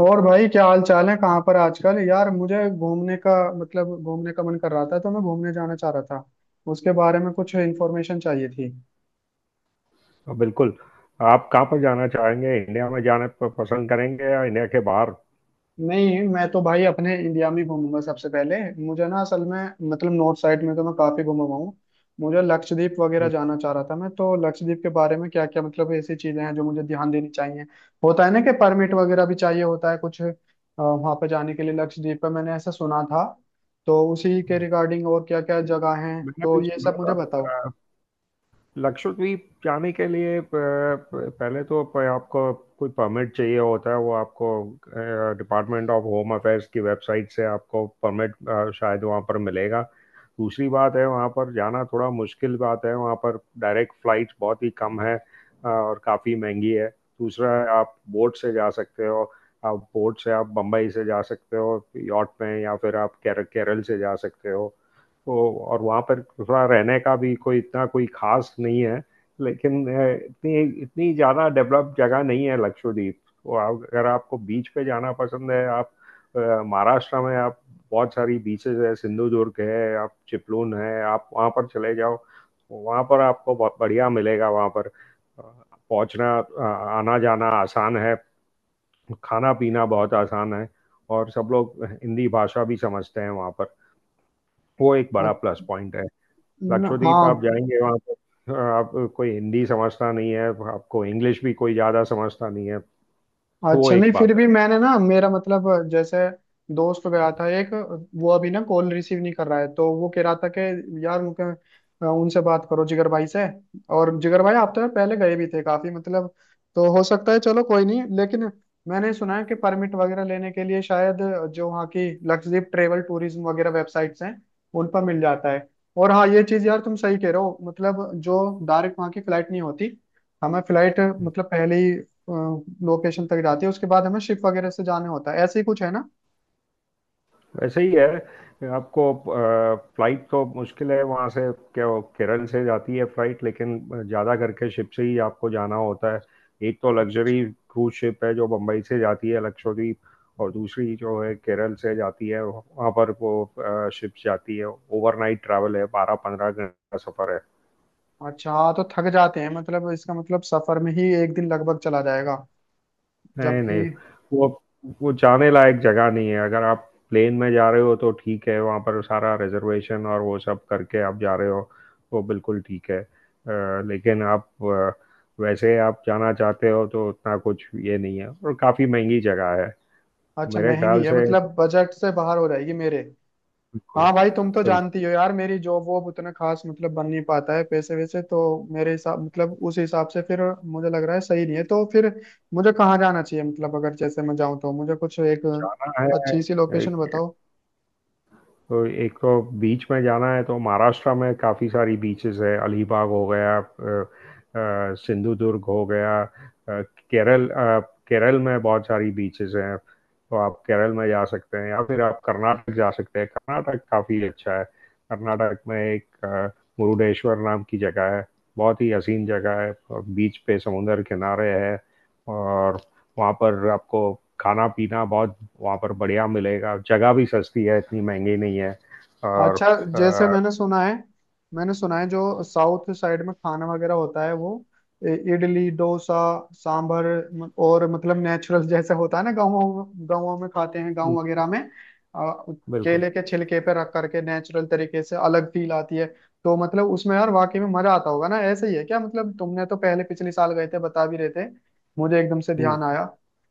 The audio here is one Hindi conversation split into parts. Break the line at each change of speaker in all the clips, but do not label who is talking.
और भाई क्या हाल चाल है। कहाँ पर आजकल यार मुझे घूमने का घूमने का मन कर रहा था तो मैं घूमने जाना चाह रहा था। उसके बारे में कुछ इन्फॉर्मेशन चाहिए थी।
तो बिल्कुल। आप कहाँ पर जाना चाहेंगे, इंडिया में जाना पसंद करेंगे या इंडिया के बाहर?
नहीं मैं तो भाई अपने इंडिया में ही घूमूंगा सबसे पहले। मुझे ना असल में मतलब नॉर्थ साइड में तो मैं काफी घूमा हुआ हूँ। मुझे लक्षद्वीप वगैरह
हम्म।
जाना चाह रहा था मैं। तो लक्षद्वीप के बारे में क्या क्या मतलब ऐसी चीजें हैं जो मुझे ध्यान देनी चाहिए। होता है ना कि परमिट वगैरह भी चाहिए होता है कुछ वहां पर जाने के लिए लक्षद्वीप पर, मैंने ऐसा सुना था। तो उसी के
हम्म।
रिगार्डिंग और क्या क्या जगह हैं,
मैंने
तो
भी
ये सब मुझे
सुना
बताओ।
था। लक्षद्वीप जाने के लिए पहले तो आपको कोई परमिट चाहिए होता है। वो आपको डिपार्टमेंट ऑफ होम अफेयर्स की वेबसाइट से आपको परमिट शायद वहाँ पर मिलेगा। दूसरी बात है, वहाँ पर जाना थोड़ा मुश्किल बात है। वहाँ पर डायरेक्ट फ्लाइट बहुत ही कम है, और काफ़ी महंगी है। दूसरा है, आप बोट से जा सकते हो। आप बोट से आप बम्बई से जा सकते हो यॉट में, या फिर आप केरल से जा सकते हो तो। और वहाँ पर थोड़ा रहने का भी कोई इतना कोई खास नहीं है, लेकिन इतनी इतनी ज़्यादा डेवलप जगह नहीं है लक्षद्वीप। तो अगर आपको बीच पे जाना पसंद है, आप अ, महाराष्ट्र में आप बहुत सारी बीचेस है, सिंधुदुर्ग है, आप चिपलून है, आप वहाँ पर चले जाओ तो वहाँ पर आपको बहुत बढ़िया मिलेगा। वहाँ पर पहुँचना, आना जाना आसान है। खाना पीना बहुत आसान है। और सब लोग हिंदी भाषा भी समझते हैं वहाँ पर। वो एक
अ,
बड़ा प्लस पॉइंट है।
न-
लक्षद्वीप
हाँ।
आप जाएंगे वहाँ पर आप, कोई हिंदी समझता नहीं है। आपको इंग्लिश भी कोई ज़्यादा समझता नहीं है। वो
अच्छा,
एक
नहीं फिर
बात
भी
है।
मैंने ना, मेरा मतलब जैसे दोस्त गया था एक। वो अभी ना कॉल रिसीव नहीं कर रहा है, तो वो कह रहा था कि यार उनके उनसे बात करो जिगर भाई से। और जिगर भाई आप तो यार पहले गए भी थे काफी मतलब। तो हो सकता है, चलो कोई नहीं। लेकिन मैंने सुना है कि परमिट वगैरह लेने के लिए शायद जो वहाँ की लक्षद्वीप ट्रेवल टूरिज्म वगैरह वेबसाइट्स हैं उन पर मिल जाता है। और हाँ ये चीज़ यार तुम सही कह रहे हो। मतलब जो डायरेक्ट वहाँ की फ्लाइट नहीं होती, हमें फ्लाइट मतलब पहले ही लोकेशन तक जाती है, उसके बाद हमें शिप वगैरह से जाने होता है। ऐसे ही कुछ है ना।
वैसे ही है, आपको फ्लाइट तो मुश्किल है वहाँ से। क्या वो केरल से जाती है फ्लाइट, लेकिन ज़्यादा करके शिप से ही आपको जाना होता है। एक तो लग्जरी क्रूज शिप है जो बम्बई से जाती है लक्षद्वीप। और दूसरी जो है, केरल से जाती है। वहाँ पर वो शिप जाती है, ओवरनाइट ट्रैवल है। 12-15 घंटे का सफ़र है।
अच्छा हाँ तो थक जाते हैं मतलब। इसका मतलब सफर में ही एक दिन लगभग चला जाएगा
नहीं,
जबकि।
नहीं। वो वो जाने लायक जगह नहीं है। अगर आप प्लेन में जा रहे हो तो ठीक है, वहाँ पर सारा रिजर्वेशन और वो सब करके आप जा रहे हो, वो बिल्कुल ठीक है। लेकिन आप, वैसे आप जाना चाहते हो तो उतना कुछ ये नहीं है, और काफ़ी महंगी जगह है।
अच्छा,
मेरे
महंगी
ख्याल
है
से
मतलब बजट से बाहर हो जाएगी मेरे।
बिल्कुल।
हाँ भाई तुम तो
बिल्कुल।
जानती हो यार, मेरी जॉब वॉब उतना खास मतलब बन नहीं पाता है, पैसे वैसे तो मेरे हिसाब मतलब उस हिसाब से फिर मुझे लग रहा है सही नहीं है। तो फिर मुझे कहाँ जाना चाहिए मतलब, अगर जैसे मैं जाऊँ तो मुझे कुछ एक
जाना
अच्छी सी
है
लोकेशन बताओ।
तो एक तो बीच में जाना है तो महाराष्ट्र में काफ़ी सारी बीचेस है। अलीबाग हो गया, सिंधुदुर्ग हो गया, केरल अ, केरल में बहुत सारी बीचेस हैं तो आप केरल में जा सकते हैं, या फिर आप कर्नाटक जा सकते हैं। कर्नाटक काफ़ी अच्छा है। कर्नाटक में एक मुरुडेश्वर नाम की जगह है। बहुत ही हसीन जगह है। बीच पे, समुंदर किनारे है। और वहाँ पर आपको खाना पीना बहुत वहाँ पर बढ़िया मिलेगा। जगह भी सस्ती है, इतनी महंगी नहीं है। और
अच्छा जैसे
अ,
मैंने सुना है जो साउथ साइड में खाना वगैरह होता है वो इ- इडली डोसा सांभर, म- और मतलब नेचुरल जैसे होता है ना गाँवों गाँवों में खाते हैं
हम्म,
गाँव वगैरह में।
बिल्कुल।
केले के छिलके पे रख करके नेचुरल तरीके से अलग फील आती है। तो मतलब उसमें यार वाकई में मजा आता होगा ना। ऐसे ही है क्या मतलब? तुमने तो पहले पिछले साल गए थे बता भी रहे थे, मुझे एकदम से
हम्म,
ध्यान आया।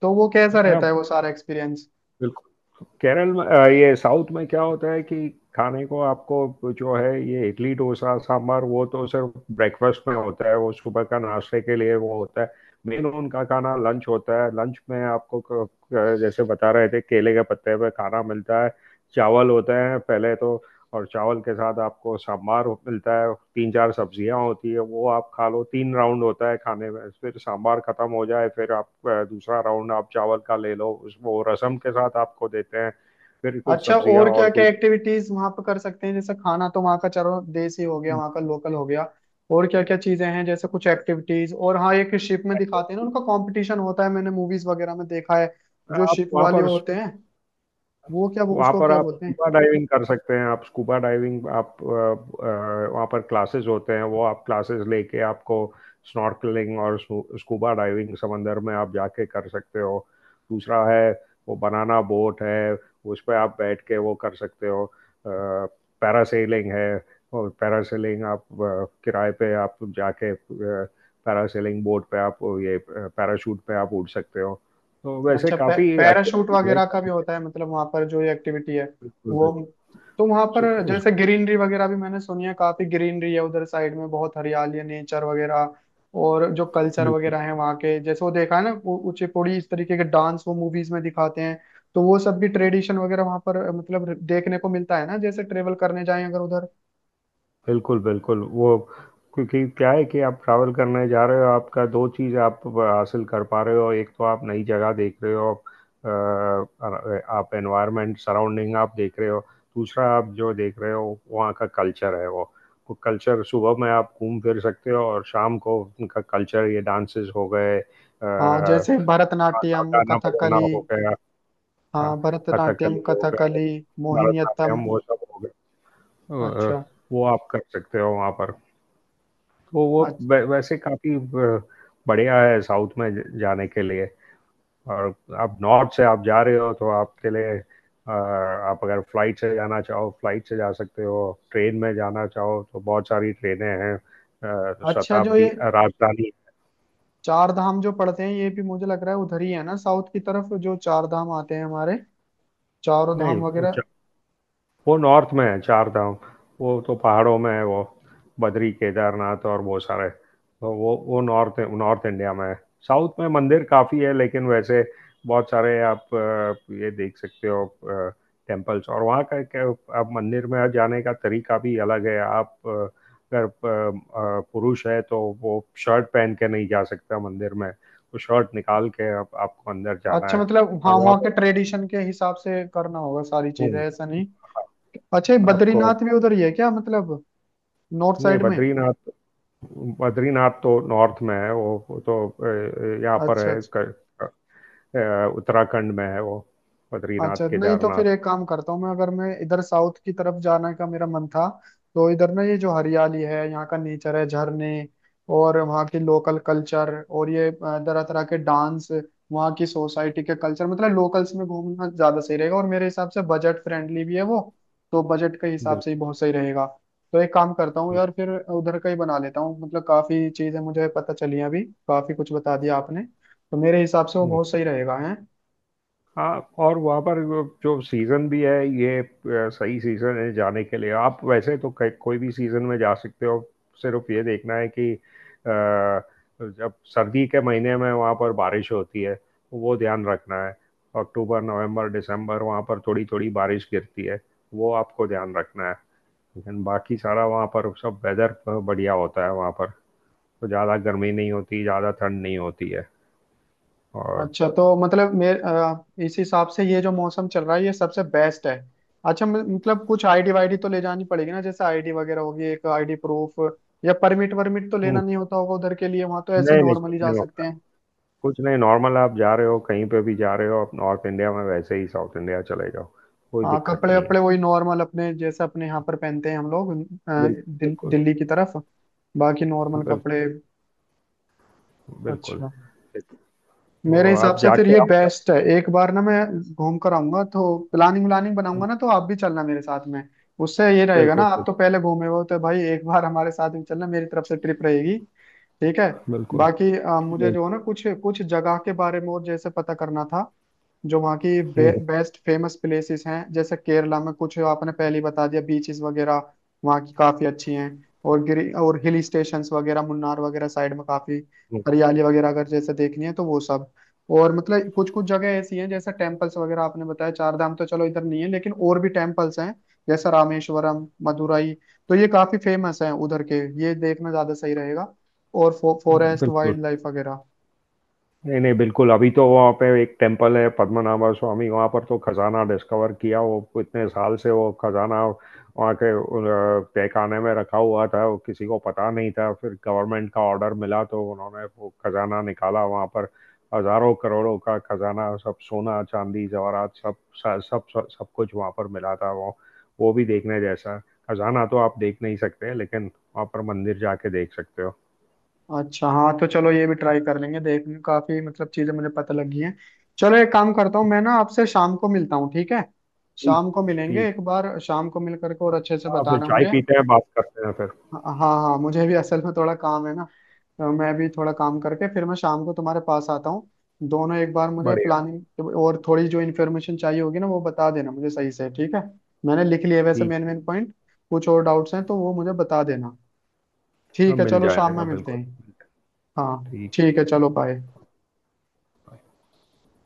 तो वो कैसा
हाँ,
रहता है वो सारा एक्सपीरियंस?
बिल्कुल। केरल में, ये साउथ में क्या होता है कि, खाने को आपको जो है ये इडली डोसा सांभर, वो तो सिर्फ ब्रेकफास्ट में होता है। वो सुबह का नाश्ते के लिए वो होता है। मेन उनका खाना लंच होता है, लंच में आपको जैसे बता रहे थे, केले के पत्ते पे खाना मिलता है। चावल होते हैं पहले तो। और चावल के साथ आपको सांभार मिलता है। तीन चार सब्जियां होती है, वो आप खा लो। तीन राउंड होता है खाने में। फिर सांभार खत्म हो जाए, फिर आप दूसरा राउंड आप चावल का ले लो, उस वो रसम के साथ आपको देते हैं। फिर कुछ
अच्छा,
सब्जियां
और क्या
और
क्या
कुछ।
एक्टिविटीज वहां पर कर सकते हैं? जैसे खाना तो वहां का चलो देसी हो गया वहां का लोकल हो गया, और क्या क्या चीजें हैं जैसे कुछ एक्टिविटीज? और हाँ, एक शिप में दिखाते हैं ना उनका कंपटीशन होता है, मैंने मूवीज वगैरह में देखा है, जो
आप
शिप वाले होते हैं वो क्या,
वहाँ
उसको
पर
क्या
आप
बोलते हैं?
स्कूबा डाइविंग कर सकते हैं। आप स्कूबा डाइविंग आप, वहाँ पर क्लासेस होते हैं, वो आप क्लासेस लेके आपको स्नॉर्कलिंग और स्कूबा डाइविंग समंदर में आप जाके कर सकते हो। दूसरा है, वो बनाना बोट है, उस पर आप बैठ के वो कर सकते हो। पैरासेलिंग है, और पैरासेलिंग आप किराए पे आप जाके, पैरासेलिंग बोट पे आप, ये पैराशूट पे आप उड़ सकते हो। तो वैसे
अच्छा, पै,
काफ़ी
पैराशूट
एक्टिविटी है।
वगैरह का भी होता है मतलब वहां पर जो ये एक्टिविटी है
बिल्कुल,
वो। तो वहां पर
बिल्कुल।
जैसे
सु
ग्रीनरी वगैरह भी मैंने सुनी है, काफी ग्रीनरी है उधर साइड में, बहुत हरियाली है नेचर वगैरह। और जो कल्चर
बिल्कुल,
वगैरह है वहाँ के, जैसे वो देखा है ना वो कुचिपुड़ी इस तरीके के डांस, वो मूवीज में दिखाते हैं, तो वो सब भी ट्रेडिशन वगैरह वहां पर मतलब देखने को मिलता है ना, जैसे ट्रेवल करने जाएं अगर उधर।
बिल्कुल, बिल्कुल। वो, क्योंकि क्या है कि आप ट्रैवल करने जा रहे हो, आपका 2 चीज़ आप हासिल कर पा रहे हो। एक तो आप नई जगह देख रहे हो, आप एनवायरनमेंट सराउंडिंग आप देख रहे हो। दूसरा आप जो देख रहे हो, वहाँ का कल्चर है वो। वो कल्चर सुबह में आप घूम फिर सकते हो, और शाम को उनका कल्चर ये डांसेज़ हो गए,
हाँ जैसे भरतनाट्यम
गाना बजाना
कथकली।
हो गया। हाँ,
हाँ भरतनाट्यम
कथकली हो गया,
कथकली मोहिनीअट्टम।
भरतनाट्यम वो सब हो गया। तो,
अच्छा।
वो आप कर सकते हो वहाँ पर। तो वो
अच्छा।
वैसे काफ़ी बढ़िया है साउथ में जाने के लिए। और आप नॉर्थ से आप जा रहे हो तो आपके लिए, आप अगर फ्लाइट से जाना चाहो फ्लाइट से जा सकते हो। ट्रेन में जाना चाहो तो बहुत सारी ट्रेनें हैं।
अच्छा, जो
शताब्दी,
ये
राजधानी।
चार धाम जो पड़ते हैं ये भी मुझे लग रहा है उधर ही है ना, साउथ की तरफ जो चार धाम आते हैं हमारे, चारों
नहीं,
धाम
वो
वगैरह।
वो नॉर्थ में है चार धाम। वो तो पहाड़ों में है, वो बद्री केदारनाथ और वो सारे, तो वो नॉर्थ नॉर्थ इंडिया में है। साउथ में मंदिर काफ़ी है, लेकिन वैसे बहुत सारे आप ये देख सकते हो, टेम्पल्स। और वहाँ का क्या, आप मंदिर में जाने का तरीका भी अलग है। आप अगर पुरुष है तो वो शर्ट पहन के नहीं जा सकता मंदिर में, तो शर्ट निकाल के आपको अंदर जाना
अच्छा,
है।
मतलब वहाँ
और वहाँ
वहाँ के
पर,
ट्रेडिशन के हिसाब से करना होगा सारी चीजें,
हम्म,
ऐसा नहीं?
हाँ,
अच्छा, ये
आपको।
बद्रीनाथ भी उधर ही है क्या मतलब, नॉर्थ
नहीं,
साइड में?
बद्रीनाथ। बद्रीनाथ तो नॉर्थ में है। वो तो यहाँ पर
अच्छा
है,
अच्छा
उत्तराखंड में है वो,
अच्छा
बद्रीनाथ
नहीं, तो
केदारनाथ।
फिर एक काम करता हूँ मैं, अगर मैं इधर साउथ की तरफ जाने का मेरा मन था तो इधर ना ये जो हरियाली है, यहाँ का नेचर है, झरने, और वहाँ की लोकल कल्चर और ये तरह तरह के डांस, वहाँ की सोसाइटी के कल्चर मतलब लोकल्स में घूमना ज्यादा सही रहेगा, और मेरे हिसाब से बजट फ्रेंडली भी है वो, तो बजट के हिसाब से ही
बिल्कुल।
बहुत सही रहेगा। तो एक काम करता हूँ
बिल्कुल।
यार फिर उधर का ही बना लेता हूँ। मतलब काफी चीजें मुझे पता चली हैं, अभी काफी कुछ बता दिया आपने, तो मेरे हिसाब से वो
हम्म।
बहुत सही रहेगा है।
हाँ, और वहाँ पर वो जो सीज़न भी है, ये सही सीज़न है जाने के लिए। आप वैसे तो कोई भी सीज़न में जा सकते हो। सिर्फ ये देखना है कि, जब सर्दी के महीने में वहाँ पर बारिश होती है, वो ध्यान रखना है। अक्टूबर नवंबर दिसंबर वहाँ पर थोड़ी थोड़ी बारिश गिरती है, वो आपको ध्यान रखना है। लेकिन बाकी सारा वहाँ पर सब वेदर बढ़िया होता है वहाँ पर। तो ज़्यादा गर्मी नहीं होती, ज़्यादा ठंड नहीं होती है। और
अच्छा तो मतलब मेरे इस हिसाब से ये जो मौसम चल रहा है ये सबसे बेस्ट है। अच्छा, म- मतलब कुछ आईडी वाईडी तो ले जानी पड़ेगी ना, जैसे आईडी वगैरह होगी एक आईडी प्रूफ, या परमिट वर्मिट तो लेना नहीं होता होगा उधर के लिए, वहां तो ऐसे
नहीं, नहीं, कुछ
नॉर्मली जा
नहीं
सकते
होता है।
हैं।
कुछ नहीं, नॉर्मल आप जा रहे हो, कहीं पे भी जा रहे हो, आप नॉर्थ इंडिया में वैसे ही साउथ इंडिया चले जाओ, कोई
हाँ
दिक्कत
कपड़े
नहीं है।
वपड़े वही नॉर्मल अपने, जैसे अपने यहाँ पर पहनते हैं हम लोग
बिल
दिल,
बिल्कुल,
दिल्ली की तरफ, बाकी नॉर्मल
बिल
कपड़े।
बिल्कुल।
अच्छा, मेरे
तो
हिसाब
आप
से फिर ये
जाके आप,
बेस्ट है। एक बार ना मैं घूम कर आऊंगा तो प्लानिंग व्लानिंग बनाऊंगा ना, तो आप भी चलना मेरे साथ में। उससे ये रहेगा ना,
बिल्कुल,
आप
बिल्कुल,
तो पहले घूमे हो तो भाई एक बार हमारे साथ भी चलना, मेरी तरफ से ट्रिप रहेगी, ठीक है?
बिल्कुल।
बाकी मुझे जो है
बिल्कुल।
ना कुछ कुछ जगह के बारे में और जैसे पता करना था, जो वहाँ की बे,
हुँ,
बेस्ट फेमस प्लेसेस हैं। जैसे केरला में कुछ आपने पहले ही बता दिया, बीचेस वगैरह वहाँ की काफी अच्छी हैं, और गिरी और हिल स्टेशंस वगैरह मुन्नार वगैरह साइड में काफी
हुँ,
हरियाली वगैरह अगर जैसे देखनी है, तो वो सब। और मतलब कुछ कुछ जगह ऐसी हैं जैसे टेम्पल्स वगैरह, आपने बताया चार धाम तो चलो इधर नहीं है, लेकिन और भी टेम्पल्स हैं जैसा रामेश्वरम मदुराई, तो ये काफी फेमस हैं उधर के, ये देखना ज्यादा सही रहेगा। और फो, फॉरेस्ट
बिल्कुल।
वाइल्ड लाइफ वगैरह।
नहीं, नहीं, बिल्कुल। अभी तो वहाँ पे एक टेम्पल है पद्मनाभा स्वामी, वहाँ पर तो खजाना डिस्कवर किया। वो इतने साल से वो खजाना वहाँ के, तहखाने में रखा हुआ था, वो किसी को पता नहीं था। फिर गवर्नमेंट का ऑर्डर मिला तो उन्होंने वो खजाना निकाला वहाँ पर। हजारों करोड़ों का खजाना, सब सोना चांदी जवाहरात, सब, सब, सब, सब कुछ वहाँ पर मिला था। वो भी देखने जैसा है। खजाना तो आप देख नहीं सकते, लेकिन वहाँ पर मंदिर जाके देख सकते हो।
अच्छा हाँ, तो चलो ये भी ट्राई कर लेंगे देखने। काफी मतलब चीजें मुझे पता लगी हैं। चलो एक काम करता हूँ मैं ना, आपसे शाम को मिलता हूँ, ठीक है?
ठीक।
शाम को मिलेंगे,
ठीक।
एक बार शाम को मिल करके और अच्छे से
हाँ, फिर
बताना
चाय
मुझे।
पीते हैं, बात करते हैं फिर।
हाँ हाँ हाँ, मुझे भी असल में थोड़ा काम है ना, तो मैं भी थोड़ा काम करके फिर मैं शाम को तुम्हारे पास आता हूँ। दोनों एक बार मुझे
बढ़िया।
प्लानिंग और थोड़ी जो इन्फॉर्मेशन चाहिए होगी ना वो बता देना मुझे सही से, ठीक है? मैंने लिख लिए वैसे
ठीक
मेन
है।
मेन पॉइंट, कुछ और डाउट्स हैं तो वो मुझे बता देना।
हाँ,
ठीक है
मिल
चलो, शाम
जाएगा
में मिलते
बिल्कुल।
हैं। हाँ
ठीक।
ठीक है, चलो बाय।